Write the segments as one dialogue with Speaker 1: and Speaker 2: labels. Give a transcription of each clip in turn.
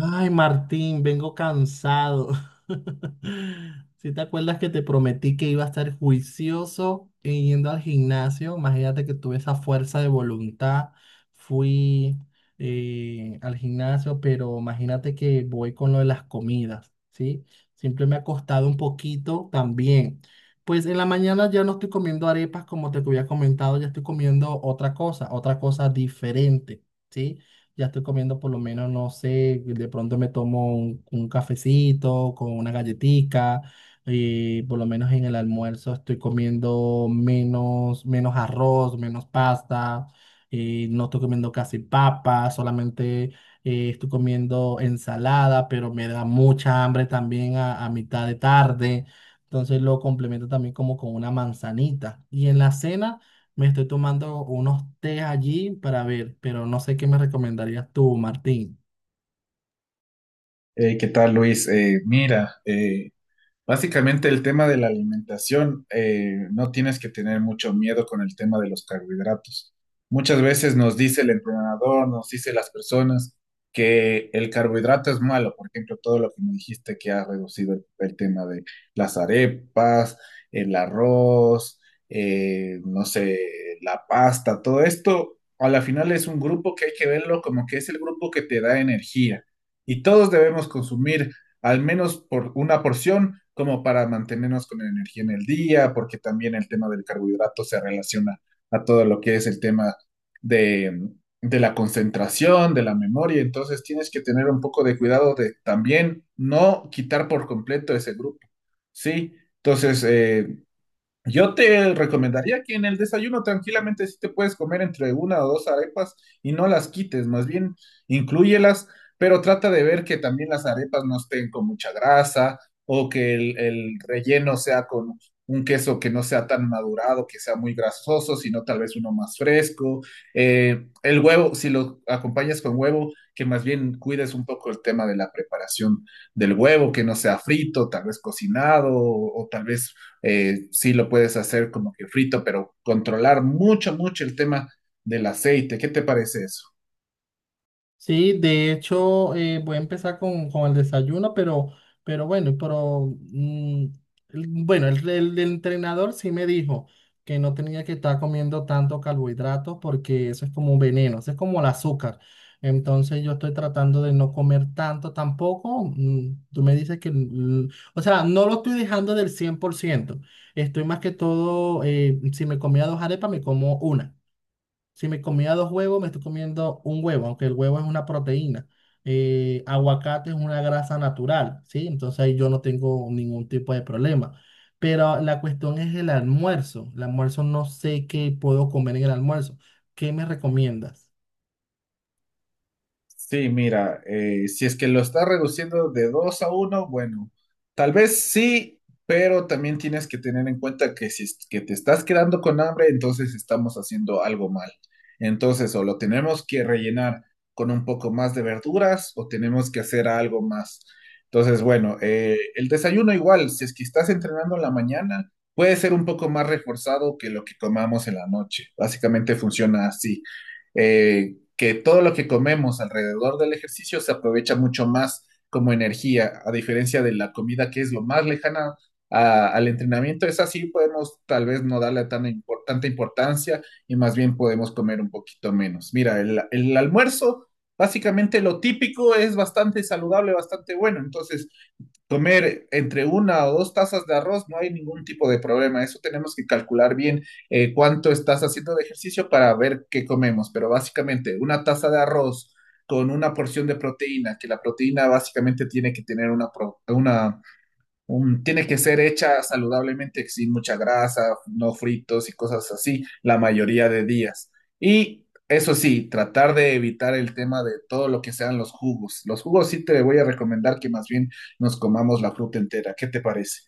Speaker 1: Ay, Martín, vengo cansado. Si te acuerdas que te prometí que iba a estar juicioso e yendo al gimnasio, imagínate que tuve esa fuerza de voluntad, fui al gimnasio, pero imagínate que voy con lo de las comidas, ¿sí? Siempre me ha costado un poquito también. Pues en la mañana ya no estoy comiendo arepas como te había comentado, ya estoy comiendo otra cosa diferente. ¿Sí? Ya estoy comiendo por lo menos, no sé, de pronto me tomo un cafecito con una galletica, y por lo menos en el almuerzo estoy comiendo menos, menos arroz, menos pasta, no estoy comiendo casi papa, solamente estoy comiendo ensalada, pero me da mucha hambre también a mitad de tarde. Entonces lo complemento también como con una manzanita. Y en la cena, me estoy tomando unos té allí para ver, pero no sé qué me recomendarías tú, Martín.
Speaker 2: ¿Qué tal, Luis? Mira, básicamente el tema de la alimentación, no tienes que tener mucho miedo con el tema de los carbohidratos. Muchas veces nos dice el entrenador, nos dice las personas que el carbohidrato es malo. Por ejemplo, todo lo que me dijiste que ha reducido el tema de las arepas, el arroz, no sé, la pasta, todo esto, a la final es un grupo que hay que verlo como que es el grupo que te da energía. Y todos debemos consumir al menos por una porción, como para mantenernos con energía en el día, porque también el tema del carbohidrato se relaciona a todo lo que es el tema de, de la concentración, de la memoria. Entonces tienes que tener un poco de cuidado de también no quitar por completo ese grupo, ¿sí? Entonces, yo te recomendaría que en el desayuno tranquilamente sí te puedes comer entre una o dos arepas y no las quites, más bien inclúyelas, pero trata de ver que también las arepas no estén con mucha grasa o que el relleno sea con un queso que no sea tan madurado, que sea muy grasoso, sino tal vez uno más fresco. El huevo, si lo acompañas con huevo, que más bien cuides un poco el tema de la preparación del huevo, que no sea frito, tal vez cocinado, o tal vez sí lo puedes hacer como que frito, pero controlar mucho, mucho el tema del aceite. ¿Qué te parece eso?
Speaker 1: Sí, de hecho, voy a empezar con el desayuno, pero bueno, bueno, el entrenador sí me dijo que no tenía que estar comiendo tanto carbohidratos porque eso es como un veneno, eso es como el azúcar. Entonces yo estoy tratando de no comer tanto tampoco. Tú me dices que, o sea, no lo estoy dejando del 100%. Estoy más que todo, si me comía dos arepas, me como una. Si me comía dos huevos, me estoy comiendo un huevo, aunque el huevo es una proteína. Aguacate es una grasa natural, ¿sí? Entonces ahí yo no tengo ningún tipo de problema. Pero la cuestión es el almuerzo. El almuerzo no sé qué puedo comer en el almuerzo. ¿Qué me recomiendas?
Speaker 2: Sí, mira, si es que lo estás reduciendo de 2 a uno, bueno, tal vez sí, pero también tienes que tener en cuenta que si es que te estás quedando con hambre, entonces estamos haciendo algo mal. Entonces, o lo tenemos que rellenar con un poco más de verduras o tenemos que hacer algo más. Entonces, bueno, el desayuno igual, si es que estás entrenando en la mañana, puede ser un poco más reforzado que lo que comamos en la noche. Básicamente funciona así. Eh, que todo lo que comemos alrededor del ejercicio se aprovecha mucho más como energía, a diferencia de la comida que es lo más lejana al entrenamiento. Es así, podemos tal vez no darle tan tanta importancia y más bien podemos comer un poquito menos. Mira, el almuerzo, básicamente lo típico es bastante saludable, bastante bueno. Entonces, comer entre una o dos tazas de arroz, no hay ningún tipo de problema. Eso tenemos que calcular bien, cuánto estás haciendo de ejercicio para ver qué comemos. Pero básicamente una taza de arroz con una porción de proteína, que la proteína básicamente tiene que tener una, tiene que ser hecha saludablemente, sin mucha grasa, no fritos y cosas así, la mayoría de días. Y eso sí, tratar de evitar el tema de todo lo que sean los jugos. Los jugos sí te voy a recomendar que más bien nos comamos la fruta entera. ¿Qué te parece?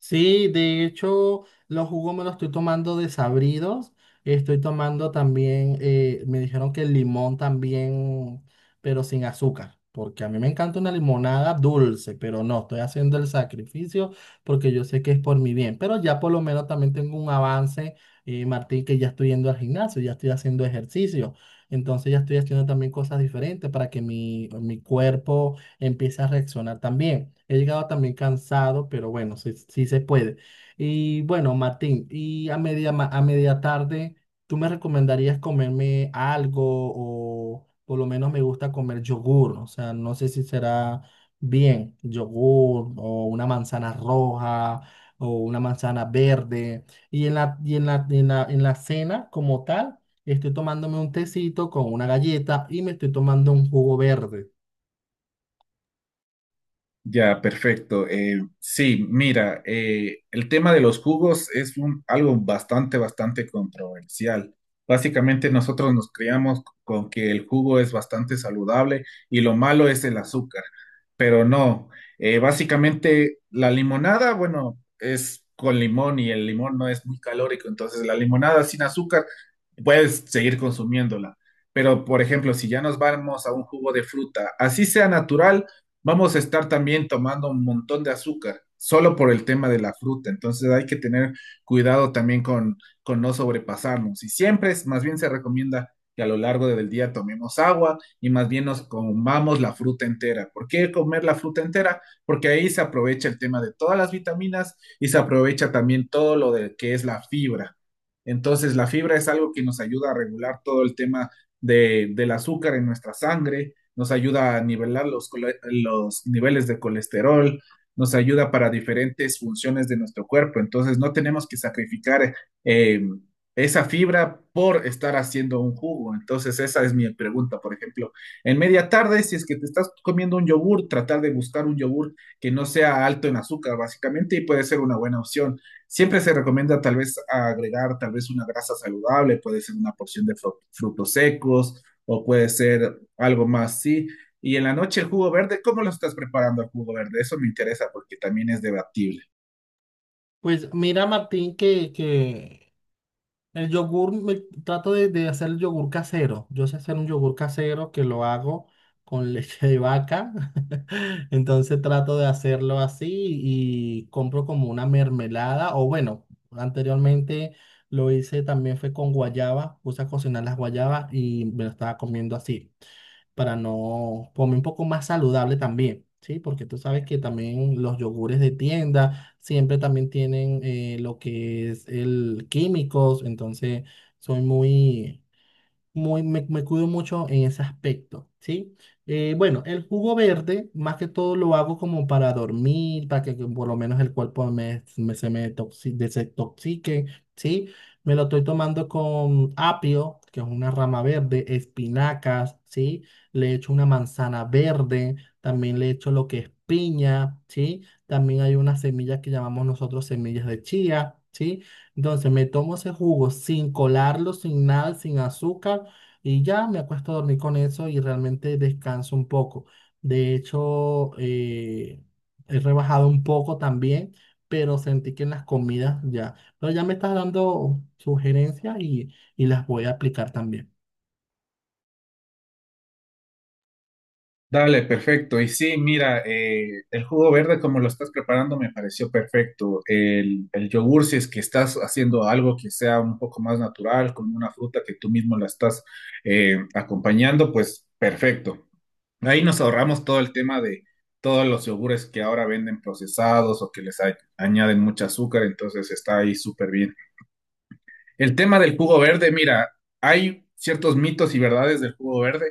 Speaker 1: Sí, de hecho, los jugos me los estoy tomando desabridos. Estoy tomando también, me dijeron que el limón también, pero sin azúcar, porque a mí me encanta una limonada dulce, pero no, estoy haciendo el sacrificio porque yo sé que es por mi bien. Pero ya por lo menos también tengo un avance, Martín, que ya estoy yendo al gimnasio, ya estoy haciendo ejercicio. Entonces ya estoy haciendo también cosas diferentes para que mi cuerpo empieza a reaccionar también. He llegado también cansado, pero bueno, sí, sí se puede. Y bueno, Martín, a media tarde, ¿tú me recomendarías comerme algo o por lo menos me gusta comer yogur? O sea, no sé si será bien, yogur o una manzana roja o una manzana verde. Y en la cena como tal, estoy tomándome un tecito con una galleta y me estoy tomando un jugo verde.
Speaker 2: Ya, perfecto. Sí, mira, el tema de los jugos es un, algo bastante, bastante controversial. Básicamente nosotros nos criamos con que el jugo es bastante saludable y lo malo es el azúcar, pero no. Básicamente la limonada, bueno, es con limón y el limón no es muy calórico, entonces la limonada sin azúcar puedes seguir consumiéndola. Pero, por ejemplo, si ya nos vamos a un jugo de fruta, así sea natural, vamos a estar también tomando un montón de azúcar, solo por el tema de la fruta. Entonces hay que tener cuidado también con no sobrepasarnos. Y siempre, más bien se recomienda que a lo largo del día tomemos agua y más bien nos comamos la fruta entera. ¿Por qué comer la fruta entera? Porque ahí se aprovecha el tema de todas las vitaminas y se aprovecha también todo lo de que es la fibra. Entonces, la fibra es algo que nos ayuda a regular todo el tema de, del azúcar en nuestra sangre, nos ayuda a nivelar los, los niveles de colesterol, nos ayuda para diferentes funciones de nuestro cuerpo. Entonces, no tenemos que sacrificar eh, esa fibra por estar haciendo un jugo. Entonces, esa es mi pregunta, por ejemplo. En media tarde, si es que te estás comiendo un yogur, tratar de buscar un yogur que no sea alto en azúcar, básicamente, y puede ser una buena opción. Siempre se recomienda tal vez agregar tal vez una grasa saludable, puede ser una porción de frutos secos o puede ser algo más, sí. Y en la noche el jugo verde, ¿cómo lo estás preparando el jugo verde? Eso me interesa porque también es debatible.
Speaker 1: Pues mira, Martín, que el yogur, trato de hacer el yogur casero. Yo sé hacer un yogur casero que lo hago con leche de vaca. Entonces trato de hacerlo así y compro como una mermelada. O bueno, anteriormente lo hice también fue con guayaba. Puse a cocinar las guayabas y me lo estaba comiendo así para no comer un poco más saludable también, ¿sí? Porque tú sabes que también los yogures de tienda siempre también tienen lo que es el químicos, entonces soy muy, me cuido mucho en ese aspecto, ¿sí? Bueno, el jugo verde, más que todo lo hago como para dormir, para que por lo menos el cuerpo se me desintoxique, ¿sí? Me lo estoy tomando con apio, que es una rama verde, espinacas, ¿sí? Le echo una manzana verde, también le echo lo que es piña, ¿sí? También hay unas semillas que llamamos nosotros semillas de chía, ¿sí? Entonces me tomo ese jugo sin colarlo, sin nada, sin azúcar y ya me acuesto a dormir con eso y realmente descanso un poco. De hecho, he rebajado un poco también, pero sentí que en las comidas ya. Pero ya me estás dando sugerencias y las voy a aplicar también.
Speaker 2: Dale, perfecto. Y sí, mira, el jugo verde como lo estás preparando me pareció perfecto. El yogur, si es que estás haciendo algo que sea un poco más natural, con una fruta que tú mismo la estás acompañando, pues perfecto. Ahí nos ahorramos todo el tema de todos los yogures que ahora venden procesados o que les añaden mucho azúcar, entonces está ahí súper bien. El tema del jugo verde, mira, hay ciertos mitos y verdades del jugo verde,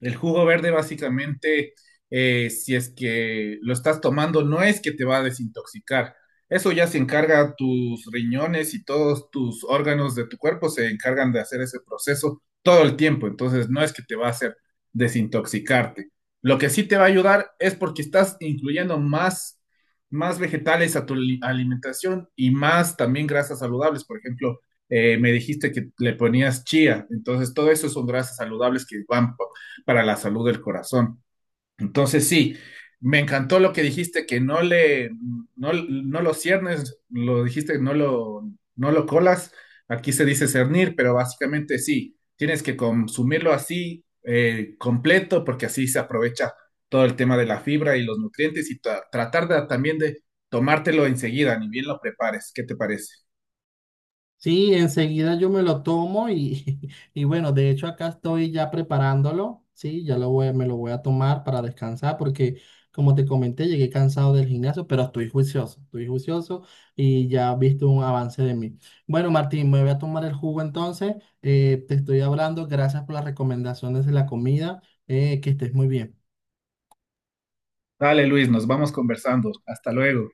Speaker 2: el jugo verde básicamente, si es que lo estás tomando, no es que te va a desintoxicar. Eso ya se encarga tus riñones y todos tus órganos de tu cuerpo se encargan de hacer ese proceso todo el tiempo. Entonces no es que te va a hacer desintoxicarte. Lo que sí te va a ayudar es porque estás incluyendo más, más vegetales a tu alimentación y más también grasas saludables. Por ejemplo, me dijiste que le ponías chía, entonces todo eso son grasas saludables que van para la salud del corazón. Entonces, sí, me encantó lo que dijiste, que no le, no, no lo ciernes, lo dijiste, no lo, no lo colas. Aquí se dice cernir, pero básicamente sí, tienes que consumirlo así, completo, porque así se aprovecha todo el tema de la fibra y los nutrientes y tratar de, también de tomártelo enseguida, ni bien lo prepares. ¿Qué te parece?
Speaker 1: Sí, enseguida yo me lo tomo y, y bueno, de hecho acá estoy ya preparándolo, sí, ya lo voy, me lo voy a tomar para descansar porque como te comenté llegué cansado del gimnasio, pero estoy juicioso y ya has visto un avance de mí. Bueno, Martín, me voy a tomar el jugo entonces, te estoy hablando, gracias por las recomendaciones de la comida, que estés muy bien.
Speaker 2: Dale, Luis, nos vamos conversando. Hasta luego.